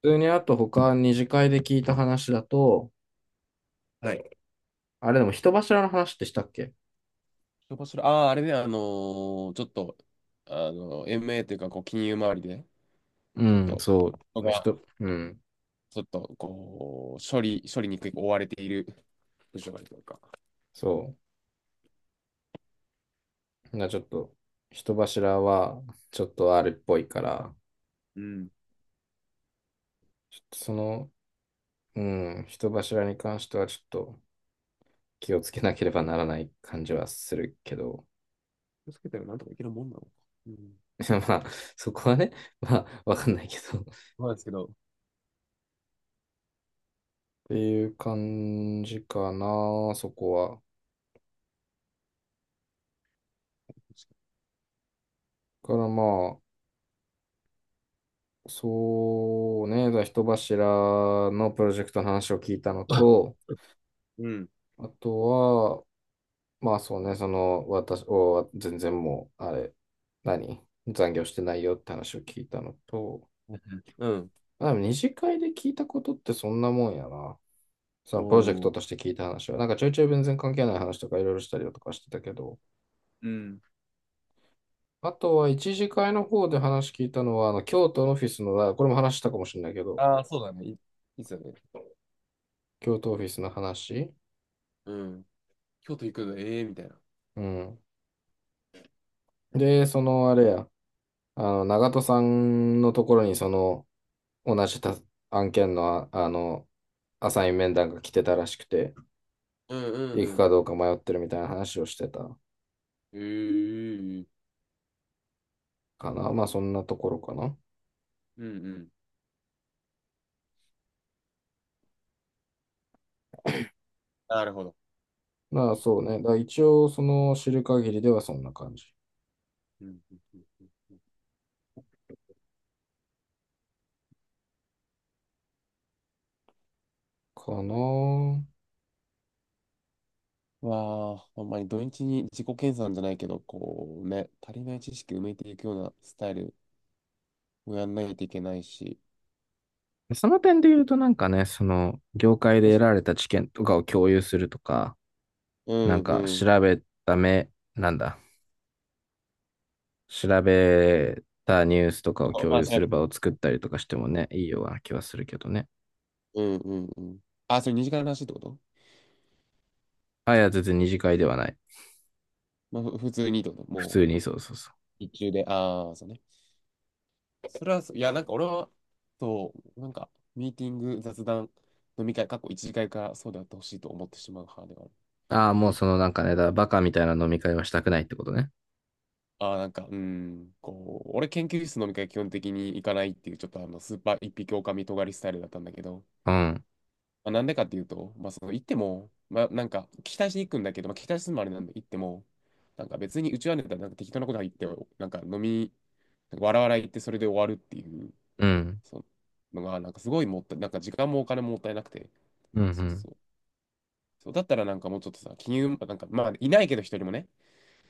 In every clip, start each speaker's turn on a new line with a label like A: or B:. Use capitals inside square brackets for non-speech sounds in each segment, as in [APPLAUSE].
A: 普通にあと他二次会で聞いた話だと、
B: はい。
A: あれでも人柱の話ってしたっけ。
B: どこしら、ああー、あれね、あのーちょっと、あの、MA というか、こう、金融周りで、
A: う
B: ちょっ
A: ん、
B: と、
A: そ
B: 人
A: う。
B: が、
A: 人、うん、
B: ちょっと、こう、処理に追われている部署があるというか。
A: そう。ちょっと、人柱はちょっとあるっぽいから、
B: うん。
A: ちょっとその、うん、人柱に関してはちょっと気をつけなければならない感じはするけど、
B: 気をつけたらなんとかいけるもんなのか。うん。
A: [LAUGHS] まあ、そこはね、[LAUGHS] まあ、わかんないけど。っ
B: そうですけど。
A: ていう感じかな、そこは。からまあ、そうね、だから人柱のプロジェクトの話を聞いたの
B: [LAUGHS]
A: と、
B: うん。
A: あとは、まあそうね、その、私、全然もう、あれ、何残業してないよって話を聞いたのと、
B: うん。
A: あ、でも二次会で聞いたことってそんなもんやな。そ
B: お
A: のプロジェクトとし
B: ー。
A: て聞いた話は、なんかちょいちょい全然関係ない話とかいろいろしたりだとかしてたけど、
B: うん。
A: あとは一次会の方で話聞いたのは、あの、京都のオフィスの、あこれも話したかもしれないけど、
B: ああ、そうだね。いっすよね。
A: 京都オフィスの話。
B: うん。京都行くの、ええーみたいな。
A: うん。で、そのあれや、あの、長戸さんのところにその、同じた案件のアサイン面談が来てたらしくて、
B: うんうん
A: 行
B: う
A: くか
B: ん。
A: どうか迷ってるみたいな話をしてた
B: ええー。
A: かな。まあそんなところかな。
B: うんうん。なるほど。
A: まあそうね。だから一応その知る限りではそんな感じ
B: うんうんうんうん。
A: かな。
B: わあ、ほんまに土日に自己研鑽じゃないけど、こうね、足りない知識埋めていくようなスタイルをやんないといけないし、
A: その点で言うとなんかね、その業界
B: も
A: で得
B: し
A: られた知見とかを共有するとか、
B: う
A: なん
B: ん
A: か
B: うん。
A: 調べた目、なんだ。調べたニュースとかを共
B: まあ、
A: 有
B: 調
A: す
B: べ
A: る
B: て
A: 場を作っ
B: みて、
A: たりとかしてもね、いいような気はするけどね。
B: うんうんうん。あ、それ2時間の話ってこと？
A: あ、いや、全然二次会ではない。
B: まあ、普通にってこと？
A: 普
B: も
A: 通に、そうそうそう。
B: う、日中で、ああ、そうね。それはそう、いや、なんか俺は、そう、なんか、ミーティング、雑談、飲み会、過去一次会かんからそうであってほしいと思ってしまう派では。
A: ああ、もうそのなんかね、だからバカみたいな飲み会はしたくないってことね。
B: ああ、なんか、うん、こう、俺研究室飲み会基本的に行かないっていう、ちょっとあの、スーパー一匹狼尖りスタイルだったんだけど、
A: うん、
B: まあ、なんでかっていうと、行っても、聞き出しに行くんだけど、まあ、聞き出しするのもあれなんで、行っても、なんか別にうちはネタなんか適当なこと言って、なんか飲み、なんか笑わないってそれで終わるっていう、
A: うん、
B: そが、なんかすごいもったい、なんか時間もお金ももったいなくて、
A: うん、う
B: そう
A: ん。
B: そう。そうだったらなんかもうちょっとさ、金融、なんか、まあ、いないけど一人もね、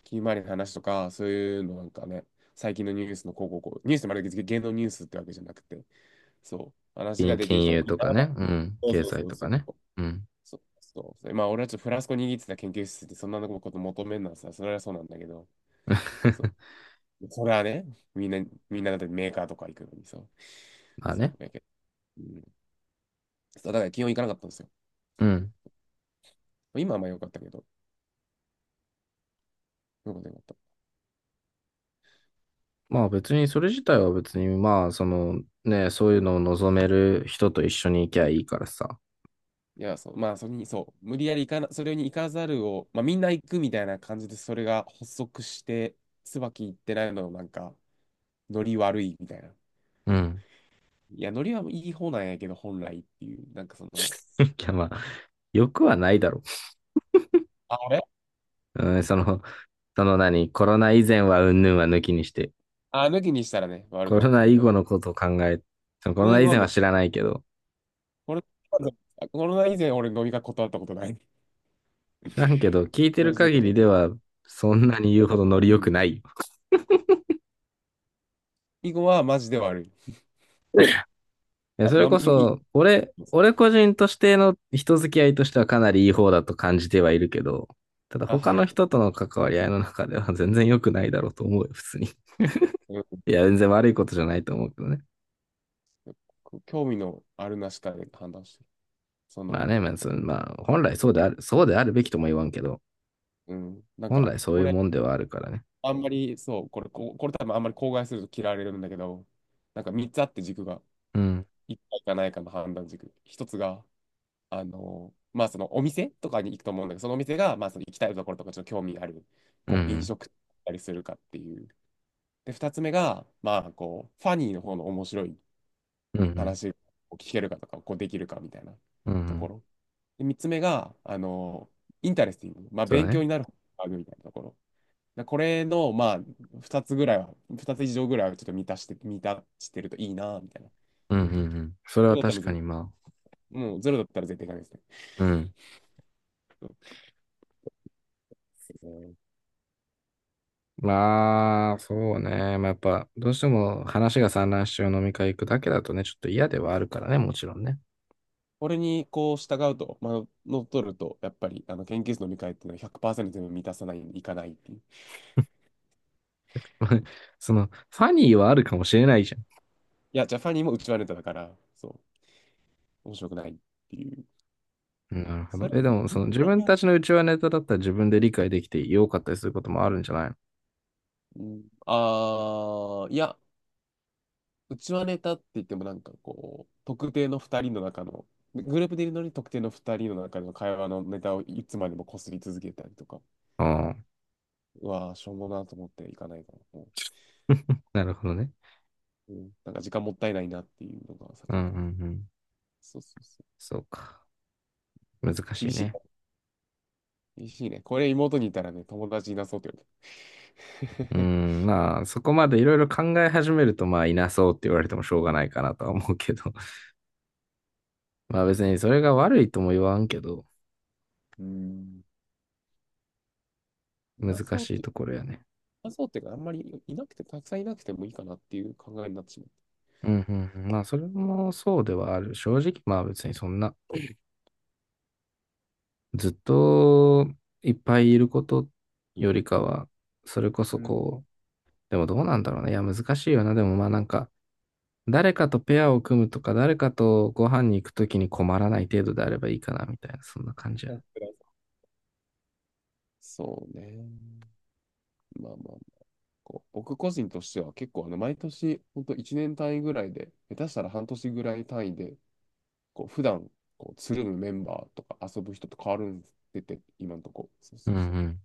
B: ひまわりの話とか、そういうのなんかね、最近のニュースのこうこうこう、ニュースってまるで芸能ニュースってわけじゃなくて、そう、話ができる
A: 金
B: 人がい
A: 融
B: い
A: と
B: な。
A: かね、うん、
B: そう
A: 経
B: そう
A: 済
B: そう
A: と
B: そ
A: か
B: う。
A: ね。うん。
B: そうそうそう。まあ、俺はちょっとフラスコ握ってた研究室でそんなこと求めるのはさ、それはそうなんだけど、そ
A: [LAUGHS]
B: う。それはね、みんな、みんなだってメーカーとか行くのにさ、
A: まあ
B: そ
A: ね。
B: う、だけど、うん、そうだから基本行かなかったんですよ。
A: うん。
B: 今はまあ良かったけど、よかった良かった。
A: まあ別にそれ自体は別にまあそのね、そういうのを望める人と一緒に行きゃいいからさ。
B: いや、そう、まあ、それに、そう、無理やり行かな、それに行かざるを、まあ、みんな行くみたいな感じで、それが発足して、椿行ってないの、なんか、ノリ悪いみたいな。
A: うん。
B: いや、ノリはいい方なんやけど、本来っていう、なんかその、
A: [LAUGHS] いやまあ、よくはないだろ
B: あれ
A: う。うん、そのその何、コロナ以前はうんぬんは抜きにして、
B: あ、抜きにしたらね、悪
A: コ
B: くな
A: ロ
B: った
A: ナ
B: け
A: 以
B: ど、
A: 後のことを考え、そのコ
B: コロ
A: ロ
B: ナ以
A: ナ
B: 後
A: 以
B: は
A: 前
B: め
A: は
B: っ、
A: 知らないけど、
B: コロナ、コロナ以前、俺、飲み会断ったことない。[LAUGHS]
A: 知らんけど、聞いて
B: マ
A: る
B: ジで
A: 限
B: 断っ
A: りで
B: た。
A: は、そんなに言うほどノリ
B: う
A: 良く
B: ん。
A: ないよ。
B: 以後は、マジで悪い。
A: いや
B: あ、
A: それ
B: なん
A: こ
B: も、い、い、
A: そ、俺個人としての人付き合いとしてはかなりいい方だと感じてはいるけど、ただ
B: あ、
A: 他
B: は
A: の
B: い。
A: 人との関わり合いの中では全然良くないだろうと思うよ、普通に。
B: うん。
A: いや、全然悪いことじゃないと思うけどね。
B: 興味のあるなしかで判断してる。そ
A: まあ
B: の、
A: ね、まあ、そのまあ、本来そうである、そうであるべきとも言わんけど、
B: うん、なん
A: 本
B: か、
A: 来そう
B: こ
A: いう
B: れ、
A: もんではあるからね。
B: あんまり、これ多分あんまり口外すると嫌われるんだけど、なんか3つあって軸が、
A: うん。
B: 1回かないかの判断軸。1つが、まあそのお店とかに行くと思うんだけど、そのお店が、まあその行きたいところとかちょっと興味ある、
A: うん、う
B: こう飲
A: ん。
B: 食だったりするかっていう。で、2つ目が、まあこう、ファニーの方の面白い
A: うん、
B: 話を聞けるかとか、こうできるかみたいな
A: うん、うんう
B: とこ
A: ん。
B: ろ。で、3つ目が、インタレスティング、まあ
A: そうだ
B: 勉強
A: ね。
B: になる、みたいなところ。でこれの、まあ、2つ以上ぐらいはちょっと満たしてるといいな、みたいな。
A: うん、うん、うん。それ
B: それ
A: は
B: だった
A: 確
B: らゼ
A: か
B: ロ、
A: に、まあ、
B: もうゼロだったら絶対ダメですね。
A: うん。
B: うん。
A: まあ、そうね。まあ、やっぱ、どうしても話が散乱しちゃう飲み会行くだけだとね、ちょっと嫌ではあるからね、もちろんね。
B: これにこう従うと、まあ、乗っ取ると、やっぱりあの研究室の見返っていうのは100%全部満たさない、いかないっていう。
A: [LAUGHS] その、ファニーはあるかもしれないじゃん。
B: いや、ジャパニーもうちはネタだから、そう、面白くないっていう。
A: うんなるほ
B: そ
A: ど。
B: れ、
A: え、でも、その、自分たちの内輪ネタだったら自分で理解できてよかったりすることもあるんじゃないの。
B: うん、ああ、いや、うちわネタって言ってもなんかこう、特定の二人の中の、グループでいるのに特定の二人の中の会話のネタをいつまでも擦り続けたりとか、
A: ああ、
B: うわー、しょうもなと思っていかないから、
A: なるほどね。
B: うん、なんか時間もったいないなっていうのが先
A: うん、う
B: に
A: ん、
B: 来る。
A: うん。
B: そうそうそう。
A: そうか。難し
B: 厳
A: い
B: しい。
A: ね。
B: [LAUGHS] 厳しいね。これ妹にいたらね、友達いなそうって言われ
A: うー
B: て。
A: ん、まあ、そこまでいろいろ考え始めると、まあ、いなそうって言われてもしょうがないかなとは思うけど。[LAUGHS] まあ、別にそれが悪いとも言わんけど、
B: [LAUGHS] うーん。
A: 難しい
B: い
A: ところやね。
B: なそうっていうか、あんまりいなくて、たくさんいなくてもいいかなっていう考えになってし
A: うん、うん、うんまあ、それもそうではある。正直、まあ、別にそんな、ずっ
B: まっ
A: といっぱいいることよりかは、それこ
B: た。
A: そ
B: うん。
A: こう、でもどうなんだろうね。いや、難しいよな。でもまあ、なんか、誰かとペアを組むとか、誰かとご飯に行くときに困らない程度であればいいかな、みたいな、そんな感じや。
B: そうね。まあまあまこう僕個人としては結構あの毎年、本当1年単位ぐらいで、下手したら半年ぐらい単位で、こう普段こうつるむメンバーとか遊ぶ人と変わるんで今のとこ。そう
A: う
B: そ
A: ん
B: う
A: う
B: そう。
A: ん。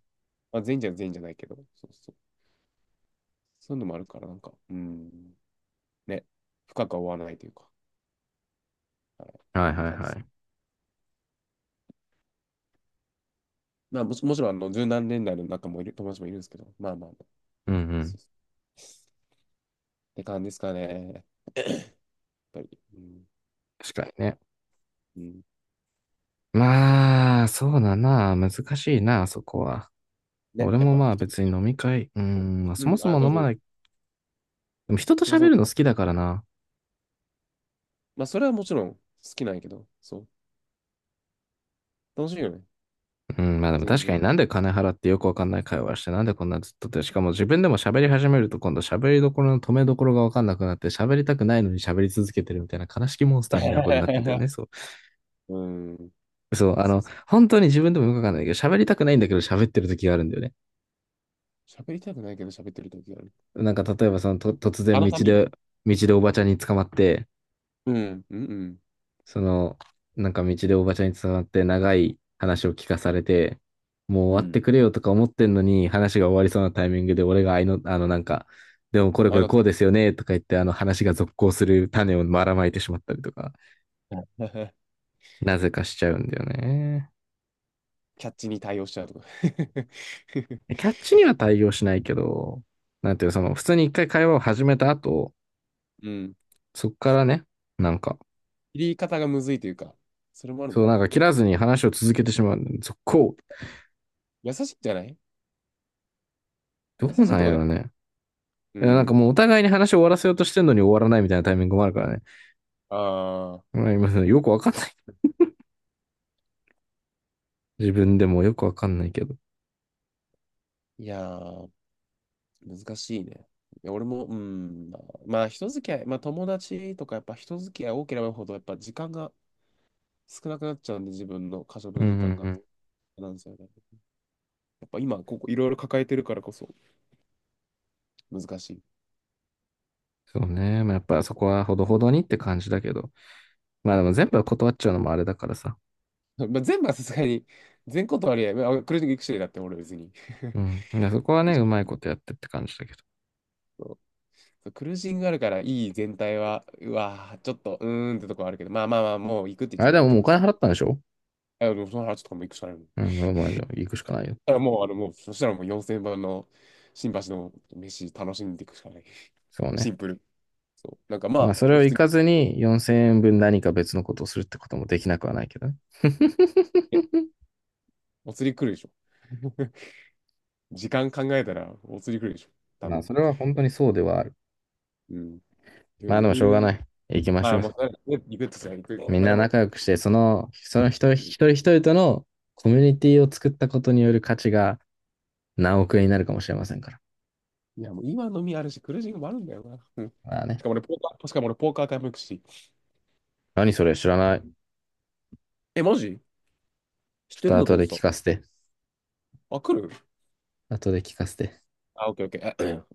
B: まあ、全員じゃないけど、そうそう。そういうのもあるから、なんか、うーん、ね、深くは追わないというか、はい、
A: はいはい
B: 感じ
A: は
B: です。
A: い。
B: まあ、もちろん、あの、十何年代の仲もいる、友達もいるんですけど、まあまあまあ、
A: うんう
B: そ
A: ん。
B: うそうって感じですかね、やっぱり。うん、
A: 確かにね。
B: うん、
A: まあ、そうだな。難しいな、そこは。
B: ね、
A: 俺
B: やっ
A: も
B: ぱ
A: まあ
B: 人、
A: 別に飲み会、うん、まあ
B: う
A: そも
B: ん、
A: そ
B: あ、
A: も
B: どう
A: 飲ま
B: ぞ。
A: ない。でも人と
B: そもそ
A: 喋
B: も
A: るの好きだからな。
B: まあ、それはもちろん好きなんやけど、そう。楽しいよね。
A: うん、まあでも
B: 全
A: 確か
B: 然。
A: になんで金払ってよくわかんない会話して、なんでこんなずっとって、しかも自分でも喋り始めると今度喋りどころの止めどころがわかんなくなって、喋りたくないのに喋り続けてるみたいな悲しきモンスターみたいなことになってんだよ
B: [LAUGHS]
A: ね。そ
B: うん。
A: う。そう、あ
B: そう
A: の、
B: そう。
A: 本当に自分でもよくわかんないけど、喋りたくないんだけど喋ってる時があるんだよね。
B: 喋りたくないけど喋ってる時がある。
A: なんか例えばそのと突
B: あ
A: 然
B: の
A: 道
B: ために。
A: で、道でおばちゃんに捕まって、
B: うん。うんうん。
A: その、なんか道でおばちゃんに伝わって長い話を聞かされて、もう
B: う
A: 終わって
B: ん。
A: くれよとか思ってんのに、話が終わりそうなタイミングで俺があいの、あのなんか、でもこれ
B: あ
A: こ
B: れ
A: れ
B: だ
A: こ
B: と、
A: うですよねとか言って、あの話が続行する種をばらまいてしまったりとか、
B: [LAUGHS]
A: なぜかしちゃうんだよね。
B: キャッチに対応しちゃうとか。
A: キャッチには対応しないけど、なんていうその、
B: [LAUGHS]
A: 普通に一回会話を始めた後、
B: うん。
A: そこからね、なんか、
B: 切り方がむずいというか、それもあるの
A: そう
B: か
A: な
B: な。
A: んか切らずに話を続けてしまう。続行。
B: 優しいんじゃない？
A: ど
B: 優し
A: う
B: い
A: なん
B: とか
A: や
B: で。
A: ろね。
B: う
A: いやなんか
B: ん。
A: もうお互いに話を終わらせようとしてんのに終わらないみたいなタイミングもあるからね。
B: ああ。
A: まあ、今よくわかんない。自分でもよくわかんないけど。
B: いやー、難しいね。いや俺も、うん。まあ、まあ人付き合い、まあ、友達とか、やっぱ人付き合い多ければ多いほど、やっぱ時間が少なくなっちゃうんで、自分の可処
A: う
B: 分
A: んう
B: 時
A: ん
B: 間が。
A: うん。
B: なんですよね。やっぱ今、ここいろいろ抱えてるからこそ難しい。
A: そうね。まあ、やっぱそこはほどほどにって感じだけど。まあ
B: う
A: でも
B: ん。
A: 全部は断っちゃうのもあれだからさ。
B: まあ、全部はさすがに、全ことありは、まあクルージング行くしだって俺別に。[LAUGHS]
A: うん。いやそこはね、うまいことやってって感じだけど。
B: そうクルージングあるからいい全体は、うわぁ、ちょっと、うーんってとこはあるけど、まあまあまあ、もう行くって言っ
A: あ
B: て
A: れ
B: たか
A: で
B: ら
A: も
B: 行
A: も
B: き
A: うお
B: ます。
A: 金払ったんでしょ。
B: あでもその話とかも行くしかないもん。だ
A: うん、もう行くしかないよ。
B: からもう、あの、もう、そしたらもう4000番の新橋の飯楽しんでいくしかない。
A: そう
B: シ
A: ね。
B: ンプル。そう。なんかま
A: まあ
B: あ、
A: それを
B: 普
A: 行
B: 通
A: かずに4000円分何か別のことをするってこともできなくはないけどね。[LAUGHS]
B: に、お釣り来るでしょ。時間考えたら、お釣り来るでしょ。多
A: まあ
B: 分。
A: それは本当にそうではある。
B: うん。
A: まあでも
B: 余
A: しょうが
B: 裕、
A: ない。行きまし
B: まあ、
A: ょ
B: も
A: う。
B: う、ね行くとしたら行く。
A: みん
B: まあで
A: な
B: も、
A: 仲良くして、その、その人、一人一人とのコミュニティを作ったことによる価値が何億円になるかもしれませんから。
B: いや、もう今飲みあるし、クルージングもあるんだよな。うん。
A: まあね。
B: しかも俺、ポーカータイも行くし。
A: 何それ知らない。
B: え、マジ？知っ
A: ちょっ
B: てる
A: と
B: んだと
A: 後
B: 思っ
A: で
B: て
A: 聞か
B: た。
A: せて。
B: あ、来る
A: 後で聞かせて。
B: あ、オッケーオッケー。